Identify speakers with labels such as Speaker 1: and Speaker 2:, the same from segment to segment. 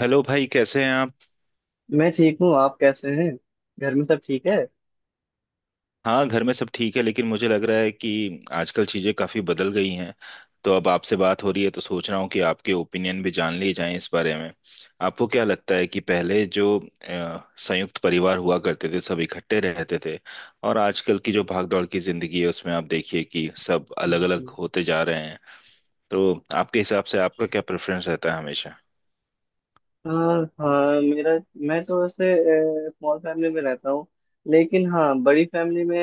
Speaker 1: Hello भाई, कैसे हैं आप।
Speaker 2: मैं ठीक हूँ। आप कैसे हैं? घर में सब ठीक है।
Speaker 1: हाँ घर में सब ठीक है, लेकिन मुझे लग रहा है कि आजकल चीज़ें काफ़ी बदल गई हैं। तो अब आपसे बात हो रही है, तो सोच रहा हूँ कि आपके ओपिनियन भी जान लिए जाएं इस बारे में। आपको क्या लगता है कि पहले जो संयुक्त परिवार हुआ करते थे, सब इकट्ठे रहते थे, और आजकल की जो भागदौड़ की ज़िंदगी है उसमें आप देखिए कि सब अलग-अलग
Speaker 2: हम्म।
Speaker 1: होते जा रहे हैं। तो आपके हिसाब से आपका क्या प्रेफरेंस रहता है हमेशा।
Speaker 2: हाँ, हाँ, मेरा मैं तो वैसे स्मॉल फैमिली में रहता हूँ। लेकिन हाँ, बड़ी फैमिली में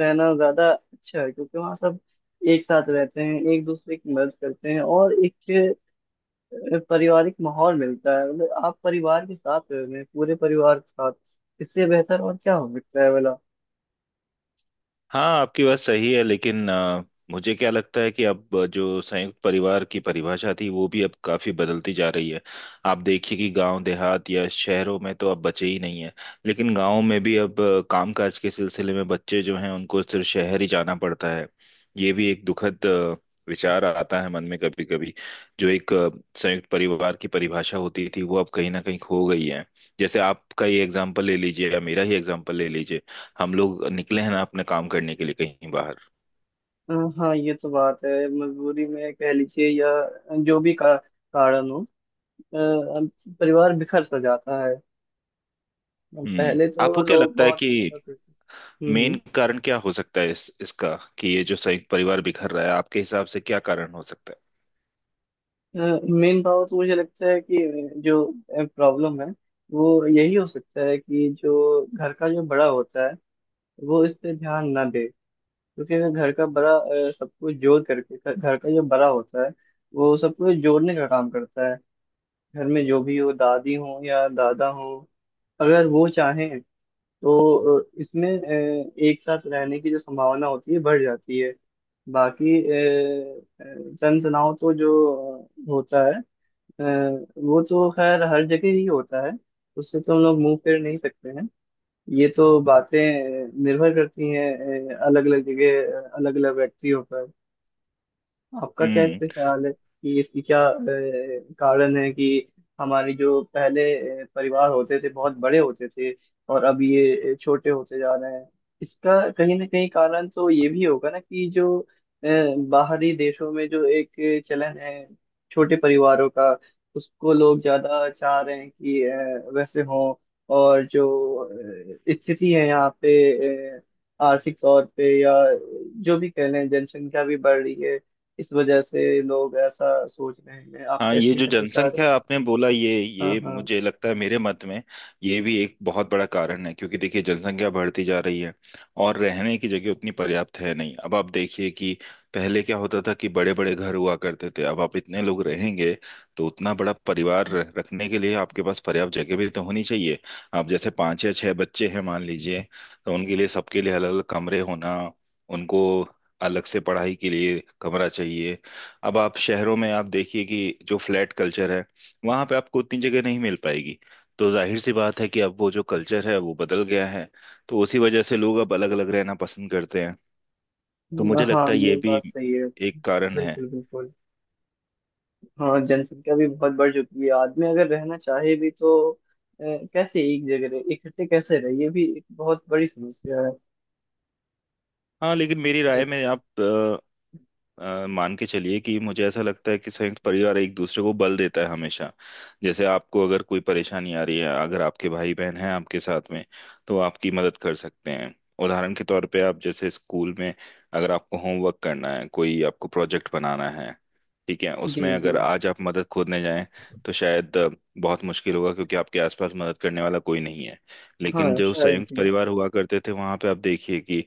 Speaker 2: रहना ज़्यादा अच्छा है, क्योंकि वहाँ सब एक साथ रहते हैं, एक दूसरे की मदद करते हैं, और एक पारिवारिक माहौल मिलता है। मतलब आप परिवार के साथ रह रहे हैं, पूरे परिवार के साथ। इससे बेहतर और क्या हो सकता है भला।
Speaker 1: हाँ, आपकी बात सही है, लेकिन मुझे क्या लगता है कि अब जो संयुक्त परिवार की परिभाषा थी, वो भी अब काफी बदलती जा रही है। आप देखिए कि गांव देहात या शहरों में तो अब बचे ही नहीं है। लेकिन गांव में भी अब कामकाज के सिलसिले में बच्चे जो हैं उनको सिर्फ शहर ही जाना पड़ता है। ये भी एक दुखद विचार आता है मन में कभी कभी। जो एक संयुक्त परिवार की परिभाषा होती थी, वो अब कहीं ना कहीं खो गई है। जैसे आपका ही एग्जाम्पल ले लीजिए या मेरा ही एग्जाम्पल ले लीजिए। हम लोग निकले हैं ना अपने काम करने के लिए कहीं बाहर।
Speaker 2: हाँ, ये तो बात है। मजबूरी में कह लीजिए या जो भी कारण हो। अब परिवार बिखर सा जाता है। अब
Speaker 1: हम्म।
Speaker 2: पहले तो
Speaker 1: आपको क्या
Speaker 2: लोग
Speaker 1: लगता है
Speaker 2: बहुत
Speaker 1: कि
Speaker 2: अच्छा करते थे।
Speaker 1: मेन
Speaker 2: हम्म।
Speaker 1: कारण क्या हो सकता है इस इसका कि ये जो संयुक्त परिवार बिखर रहा है, आपके हिसाब से क्या कारण हो सकता
Speaker 2: मेन पावर तो मुझे लगता है कि जो प्रॉब्लम है वो यही हो सकता है कि जो घर का जो बड़ा होता है, वो इस पे ध्यान ना दे। क्योंकि अगर घर का बड़ा सब कुछ जोड़ करके, घर घर का जो बड़ा होता है वो सब कुछ जोड़ने का काम करता है। घर में जो भी हो, दादी हो या दादा हो, अगर वो चाहें तो इसमें एक साथ रहने की जो संभावना होती है बढ़ जाती है। बाकी अ, जन तनाव तो जो होता है, अ, वो तो खैर हर जगह ही होता है। उससे तो हम लोग मुंह फेर नहीं सकते हैं। ये तो बातें निर्भर करती हैं, अलग अलग जगह, अलग अलग व्यक्तियों पर। आपका क्या इस पे
Speaker 1: है।
Speaker 2: ख्याल है कि इसकी क्या कारण है कि हमारे जो पहले परिवार होते थे बहुत बड़े होते थे, और अब ये छोटे होते जा रहे हैं? इसका कहीं ना कहीं कारण तो ये भी होगा ना कि जो बाहरी देशों में जो एक चलन है छोटे परिवारों का, उसको लोग ज्यादा चाह रहे हैं कि वैसे हो। और जो स्थिति है यहाँ पे, आर्थिक तौर पे या जो भी कह लें, जनसंख्या भी बढ़ रही है, इस वजह से लोग ऐसा सोच रहे हैं।
Speaker 1: हाँ,
Speaker 2: आपका
Speaker 1: ये
Speaker 2: इसमें
Speaker 1: जो
Speaker 2: क्या विचार है?
Speaker 1: जनसंख्या आपने बोला, ये
Speaker 2: हाँ,
Speaker 1: ये
Speaker 2: हाँ।
Speaker 1: मुझे लगता है मेरे मत में ये भी एक बहुत बड़ा कारण है, क्योंकि देखिए जनसंख्या बढ़ती जा रही है और रहने की जगह उतनी पर्याप्त है नहीं। अब आप देखिए कि पहले क्या होता था कि बड़े बड़े घर हुआ करते थे। अब आप इतने लोग रहेंगे तो उतना बड़ा परिवार रखने के लिए आपके पास पर्याप्त जगह भी तो होनी चाहिए। आप जैसे पांच या छह बच्चे हैं मान लीजिए, तो उनके लिए, सबके लिए अलग अलग कमरे होना, उनको अलग से पढ़ाई के लिए कमरा चाहिए। अब आप शहरों में आप देखिए कि जो फ्लैट कल्चर है, वहां पे आपको उतनी जगह नहीं मिल पाएगी। तो जाहिर सी बात है कि अब वो जो कल्चर है वो बदल गया है। तो उसी वजह से लोग अब अलग अलग रहना पसंद करते हैं। तो मुझे
Speaker 2: हाँ,
Speaker 1: लगता है
Speaker 2: ये
Speaker 1: ये भी
Speaker 2: बात सही है।
Speaker 1: एक कारण है।
Speaker 2: बिल्कुल, बिल्कुल। हाँ, जनसंख्या भी बहुत बढ़ चुकी है। आदमी अगर रहना चाहे भी तो कैसे एक जगह रहे, इकट्ठे कैसे रहे, ये भी एक बहुत बड़ी समस्या है।
Speaker 1: हाँ लेकिन मेरी राय
Speaker 2: नहीं।
Speaker 1: में आप मान के चलिए कि मुझे ऐसा लगता है कि संयुक्त परिवार एक दूसरे को बल देता है हमेशा। जैसे आपको अगर कोई परेशानी आ रही है, अगर आपके भाई बहन हैं आपके साथ में, तो आपकी मदद कर सकते हैं। उदाहरण के तौर पे आप जैसे स्कूल में अगर आपको होमवर्क करना है, कोई आपको प्रोजेक्ट बनाना है, ठीक है,
Speaker 2: जी,
Speaker 1: उसमें अगर
Speaker 2: जी।
Speaker 1: आज आप मदद खोजने जाएं तो शायद बहुत मुश्किल होगा, क्योंकि आपके आसपास मदद करने वाला कोई नहीं है। लेकिन
Speaker 2: हाँ,
Speaker 1: जो
Speaker 2: शायद।
Speaker 1: संयुक्त
Speaker 2: जी।
Speaker 1: परिवार हुआ करते थे, वहां पे आप देखिए कि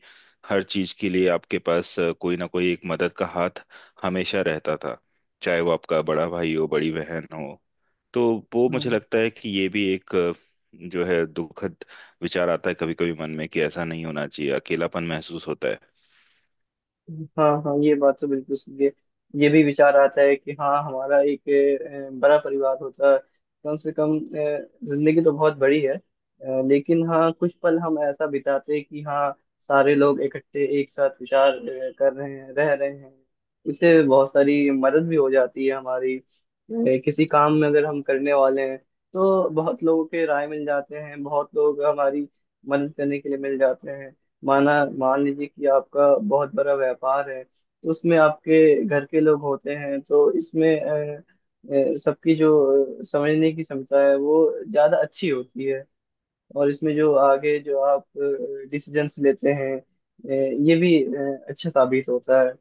Speaker 1: हर चीज के लिए आपके पास कोई ना कोई एक मदद का हाथ हमेशा रहता था, चाहे वो आपका बड़ा भाई हो, बड़ी बहन हो। तो वो मुझे
Speaker 2: हाँ,
Speaker 1: लगता है कि ये भी एक जो है दुखद विचार आता है कभी कभी मन में कि ऐसा नहीं होना चाहिए, अकेलापन महसूस होता है।
Speaker 2: हाँ, हाँ, ये बात तो बिल्कुल सही है। ये भी विचार आता है कि हाँ, हमारा एक बड़ा परिवार होता। कम से कम जिंदगी तो बहुत बड़ी है, लेकिन हाँ, कुछ पल हम ऐसा बिताते कि हाँ, सारे लोग इकट्ठे एक साथ विचार कर रहे हैं, रह रहे हैं। इससे बहुत सारी मदद भी हो जाती है हमारी। किसी काम में अगर हम करने वाले हैं तो बहुत लोगों के राय मिल जाते हैं, बहुत लोग हमारी मदद करने के लिए मिल जाते हैं। मान लीजिए कि आपका बहुत बड़ा व्यापार है तो उसमें आपके घर के लोग होते हैं, तो इसमें सबकी जो समझने की क्षमता है वो ज़्यादा अच्छी होती है। और इसमें जो आगे जो आप डिसीजंस लेते हैं, ये भी अच्छा साबित होता है।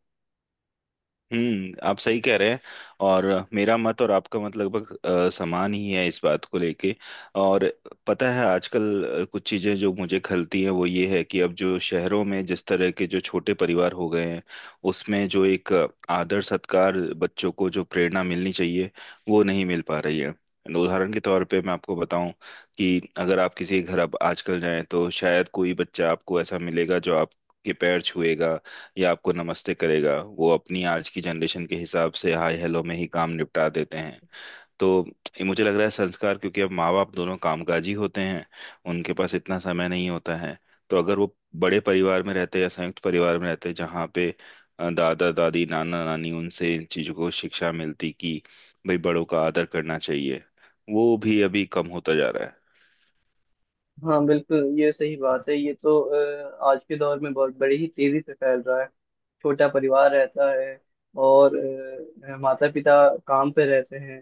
Speaker 1: हम्म, आप सही कह रहे हैं। और मेरा मत और आपका मत लगभग समान ही है इस बात को लेके। और पता है आजकल कुछ चीजें जो मुझे खलती है वो ये है कि अब जो शहरों में जिस तरह के जो छोटे परिवार हो गए हैं, उसमें जो एक आदर सत्कार, बच्चों को जो प्रेरणा मिलनी चाहिए वो नहीं मिल पा रही है। उदाहरण के तौर पे मैं आपको बताऊं कि अगर आप किसी के घर अब आजकल जाएं तो शायद कोई बच्चा आपको ऐसा मिलेगा जो आपके पैर छुएगा या आपको नमस्ते करेगा। वो अपनी आज की जनरेशन के हिसाब से हाय हेलो में ही काम निपटा देते हैं। तो ये मुझे लग रहा है संस्कार, क्योंकि अब माँ बाप दोनों कामकाजी होते हैं, उनके पास इतना समय नहीं होता है। तो अगर वो बड़े परिवार में रहते या संयुक्त परिवार में रहते, जहाँ पे दादा दादी नाना नानी, उनसे इन चीज़ों को शिक्षा मिलती कि भाई बड़ों का आदर करना चाहिए, वो भी अभी कम होता जा रहा है।
Speaker 2: हाँ, बिल्कुल, ये सही बात है। ये तो आज के दौर में बहुत बड़ी ही तेजी से फैल रहा है। छोटा परिवार रहता है, और माता पिता काम पे रहते हैं।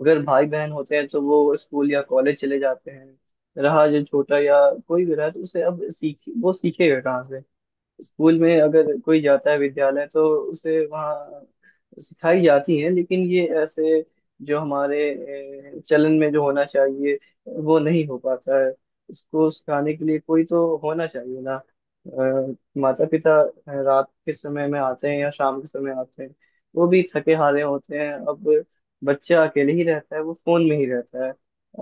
Speaker 2: अगर भाई बहन होते हैं तो वो स्कूल या कॉलेज चले जाते हैं। रहा जो छोटा या कोई भी रहा, तो उसे अब सीख वो सीखेगा कहाँ से? स्कूल में अगर कोई जाता है विद्यालय, तो उसे वहाँ सिखाई जाती है, लेकिन ये ऐसे जो हमारे चलन में जो होना चाहिए वो नहीं हो पाता है। उसको सिखाने के लिए कोई तो होना चाहिए ना? माता पिता रात के समय में आते हैं या शाम के समय आते हैं, वो भी थके हारे होते हैं। अब बच्चा अकेले ही रहता है, वो फोन में ही रहता है।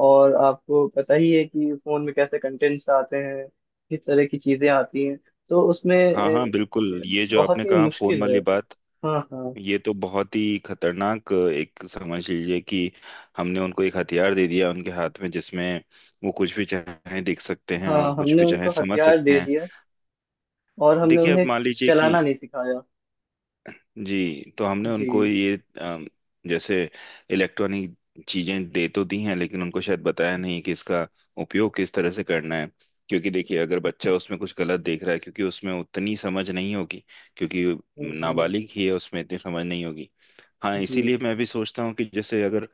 Speaker 2: और आपको पता ही है कि फोन में कैसे कंटेंट्स आते हैं, किस तरह की चीजें आती हैं। तो उसमें
Speaker 1: हाँ हाँ, बिल्कुल, ये जो
Speaker 2: बहुत
Speaker 1: आपने
Speaker 2: ही
Speaker 1: कहा फोन
Speaker 2: मुश्किल है।
Speaker 1: वाली बात,
Speaker 2: हाँ, हाँ।
Speaker 1: ये तो बहुत ही खतरनाक, एक समझ लीजिए कि हमने उनको एक हथियार दे दिया उनके हाथ में, जिसमें वो कुछ भी चाहे देख सकते हैं और
Speaker 2: हाँ,
Speaker 1: कुछ
Speaker 2: हमने
Speaker 1: भी चाहे
Speaker 2: उनको
Speaker 1: समझ
Speaker 2: हथियार
Speaker 1: सकते
Speaker 2: दे
Speaker 1: हैं।
Speaker 2: दिया, और हमने
Speaker 1: देखिए अब
Speaker 2: उन्हें
Speaker 1: मान लीजिए कि,
Speaker 2: चलाना नहीं सिखाया।
Speaker 1: जी, तो हमने उनको
Speaker 2: जी।
Speaker 1: ये अम, जैसे इलेक्ट्रॉनिक चीजें दे तो दी हैं, लेकिन उनको शायद बताया नहीं कि इसका उपयोग किस तरह से करना है। क्योंकि देखिए अगर बच्चा उसमें कुछ गलत देख रहा है, क्योंकि उसमें उतनी समझ नहीं होगी, क्योंकि
Speaker 2: हम्म, हम्म।
Speaker 1: नाबालिग ही है, उसमें इतनी समझ नहीं होगी। हाँ,
Speaker 2: जी।
Speaker 1: इसीलिए मैं भी सोचता हूँ कि जैसे अगर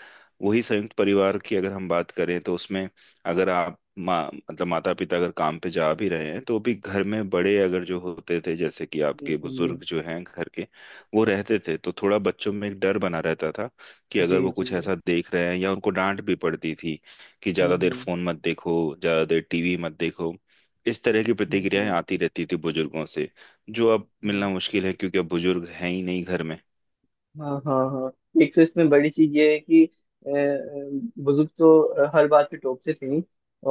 Speaker 1: वही संयुक्त परिवार की अगर हम बात करें तो उसमें अगर आप माँ मतलब माता पिता अगर काम पे जा भी रहे हैं, तो भी घर में बड़े अगर जो होते थे, जैसे कि
Speaker 2: हम्म,
Speaker 1: आपके
Speaker 2: हम्म।
Speaker 1: बुजुर्ग जो हैं घर के, वो रहते थे, तो थोड़ा बच्चों में एक डर बना रहता था कि
Speaker 2: जी,
Speaker 1: अगर वो कुछ
Speaker 2: जी।
Speaker 1: ऐसा देख रहे हैं, या उनको डांट भी पड़ती थी कि
Speaker 2: हम्म,
Speaker 1: ज्यादा देर
Speaker 2: हम्म।
Speaker 1: फोन मत देखो, ज्यादा देर टीवी मत देखो। इस तरह की प्रतिक्रियाएं
Speaker 2: हम्म,
Speaker 1: आती रहती थी बुजुर्गों से, जो अब
Speaker 2: हम्म।
Speaker 1: मिलना मुश्किल है, क्योंकि अब बुजुर्ग हैं ही नहीं घर में।
Speaker 2: हाँ, हाँ, हाँ। एक तो इसमें बड़ी चीज ये है कि बुजुर्ग तो हर बात पे टोकते थे ही,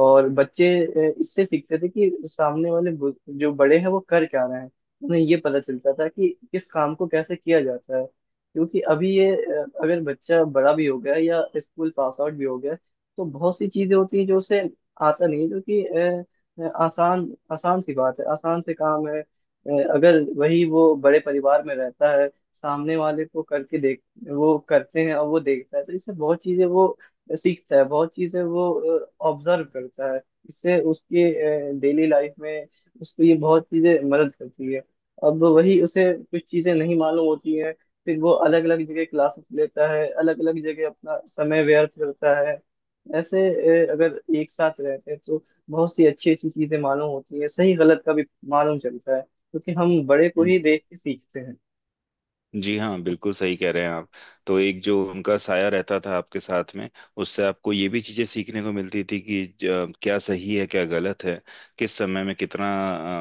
Speaker 2: और बच्चे इससे सीखते थे कि सामने वाले जो बड़े हैं वो कर क्या रहे हैं। उन्हें ये पता चलता था कि किस काम को कैसे किया जाता है। क्योंकि अभी ये अगर बच्चा बड़ा भी हो गया या स्कूल पास आउट भी हो गया, तो बहुत सी चीजें होती हैं जो उसे आता नहीं है, जो कि आसान आसान सी बात है, आसान से काम है। अगर वही वो बड़े परिवार में रहता है, सामने वाले को करके देख, वो करते हैं और वो देखता है, तो इससे बहुत चीजें वो सीखता है, बहुत चीजें वो ऑब्जर्व करता है। इससे उसके डेली लाइफ में उसको ये बहुत चीजें मदद करती है। अब वही उसे कुछ चीजें नहीं मालूम होती हैं, फिर वो अलग अलग जगह क्लासेस लेता है, अलग अलग जगह अपना समय व्यर्थ करता है। ऐसे, अगर एक साथ रहते हैं तो बहुत सी अच्छी अच्छी चीजें मालूम होती है, सही गलत का भी मालूम चलता है, क्योंकि हम बड़े को ही देख के सीखते हैं।
Speaker 1: जी हाँ, बिल्कुल सही कह रहे हैं आप। तो एक जो उनका साया रहता था आपके साथ में, उससे आपको ये भी चीजें सीखने को मिलती थी कि क्या सही है क्या गलत है, किस समय में कितना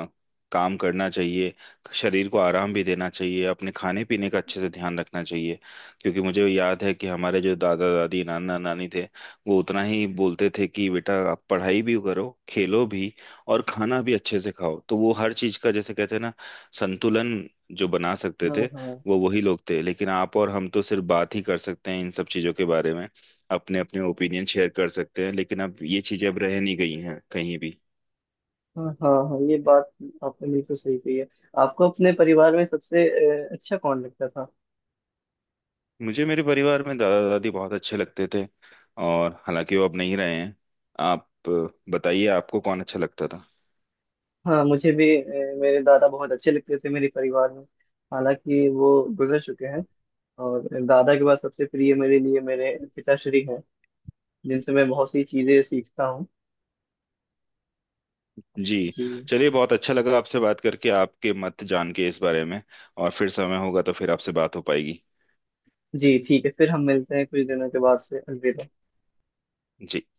Speaker 1: अ, काम करना चाहिए, शरीर को आराम भी देना चाहिए, अपने खाने पीने का अच्छे से ध्यान रखना चाहिए। क्योंकि मुझे याद है कि हमारे जो दादा दादी नाना नानी थे, वो उतना ही बोलते थे कि बेटा आप पढ़ाई भी करो, खेलो भी, और खाना भी अच्छे से खाओ। तो वो हर चीज का, जैसे कहते हैं ना, संतुलन जो बना सकते
Speaker 2: हाँ,
Speaker 1: थे,
Speaker 2: हाँ,
Speaker 1: वो वही लोग थे। लेकिन आप और हम तो सिर्फ बात ही कर सकते हैं इन सब चीज़ों के बारे में, अपने अपने ओपिनियन शेयर कर सकते हैं, लेकिन अब ये चीज़ें अब रह नहीं गई हैं कहीं भी।
Speaker 2: हाँ, हाँ, हाँ, ये बात आपने बिल्कुल सही कही है। आपको अपने परिवार में सबसे अच्छा कौन लगता था?
Speaker 1: मुझे मेरे परिवार में दादा दादी बहुत अच्छे लगते थे, और हालांकि वो अब नहीं रहे हैं। आप बताइए आपको कौन अच्छा लगता था।
Speaker 2: हाँ, मुझे भी मेरे दादा बहुत अच्छे लगते थे मेरे परिवार में। हालांकि वो गुजर चुके हैं। और दादा के बाद सबसे प्रिय मेरे लिए मेरे पिताश्री हैं, जिनसे मैं बहुत सी चीजें सीखता हूँ।
Speaker 1: जी,
Speaker 2: जी।
Speaker 1: चलिए बहुत अच्छा लगा आपसे बात करके, आपके मत जान के इस बारे में। और फिर समय होगा तो फिर आपसे बात हो पाएगी।
Speaker 2: जी, ठीक है। फिर हम मिलते हैं कुछ दिनों के बाद से। अलविदा।
Speaker 1: जी।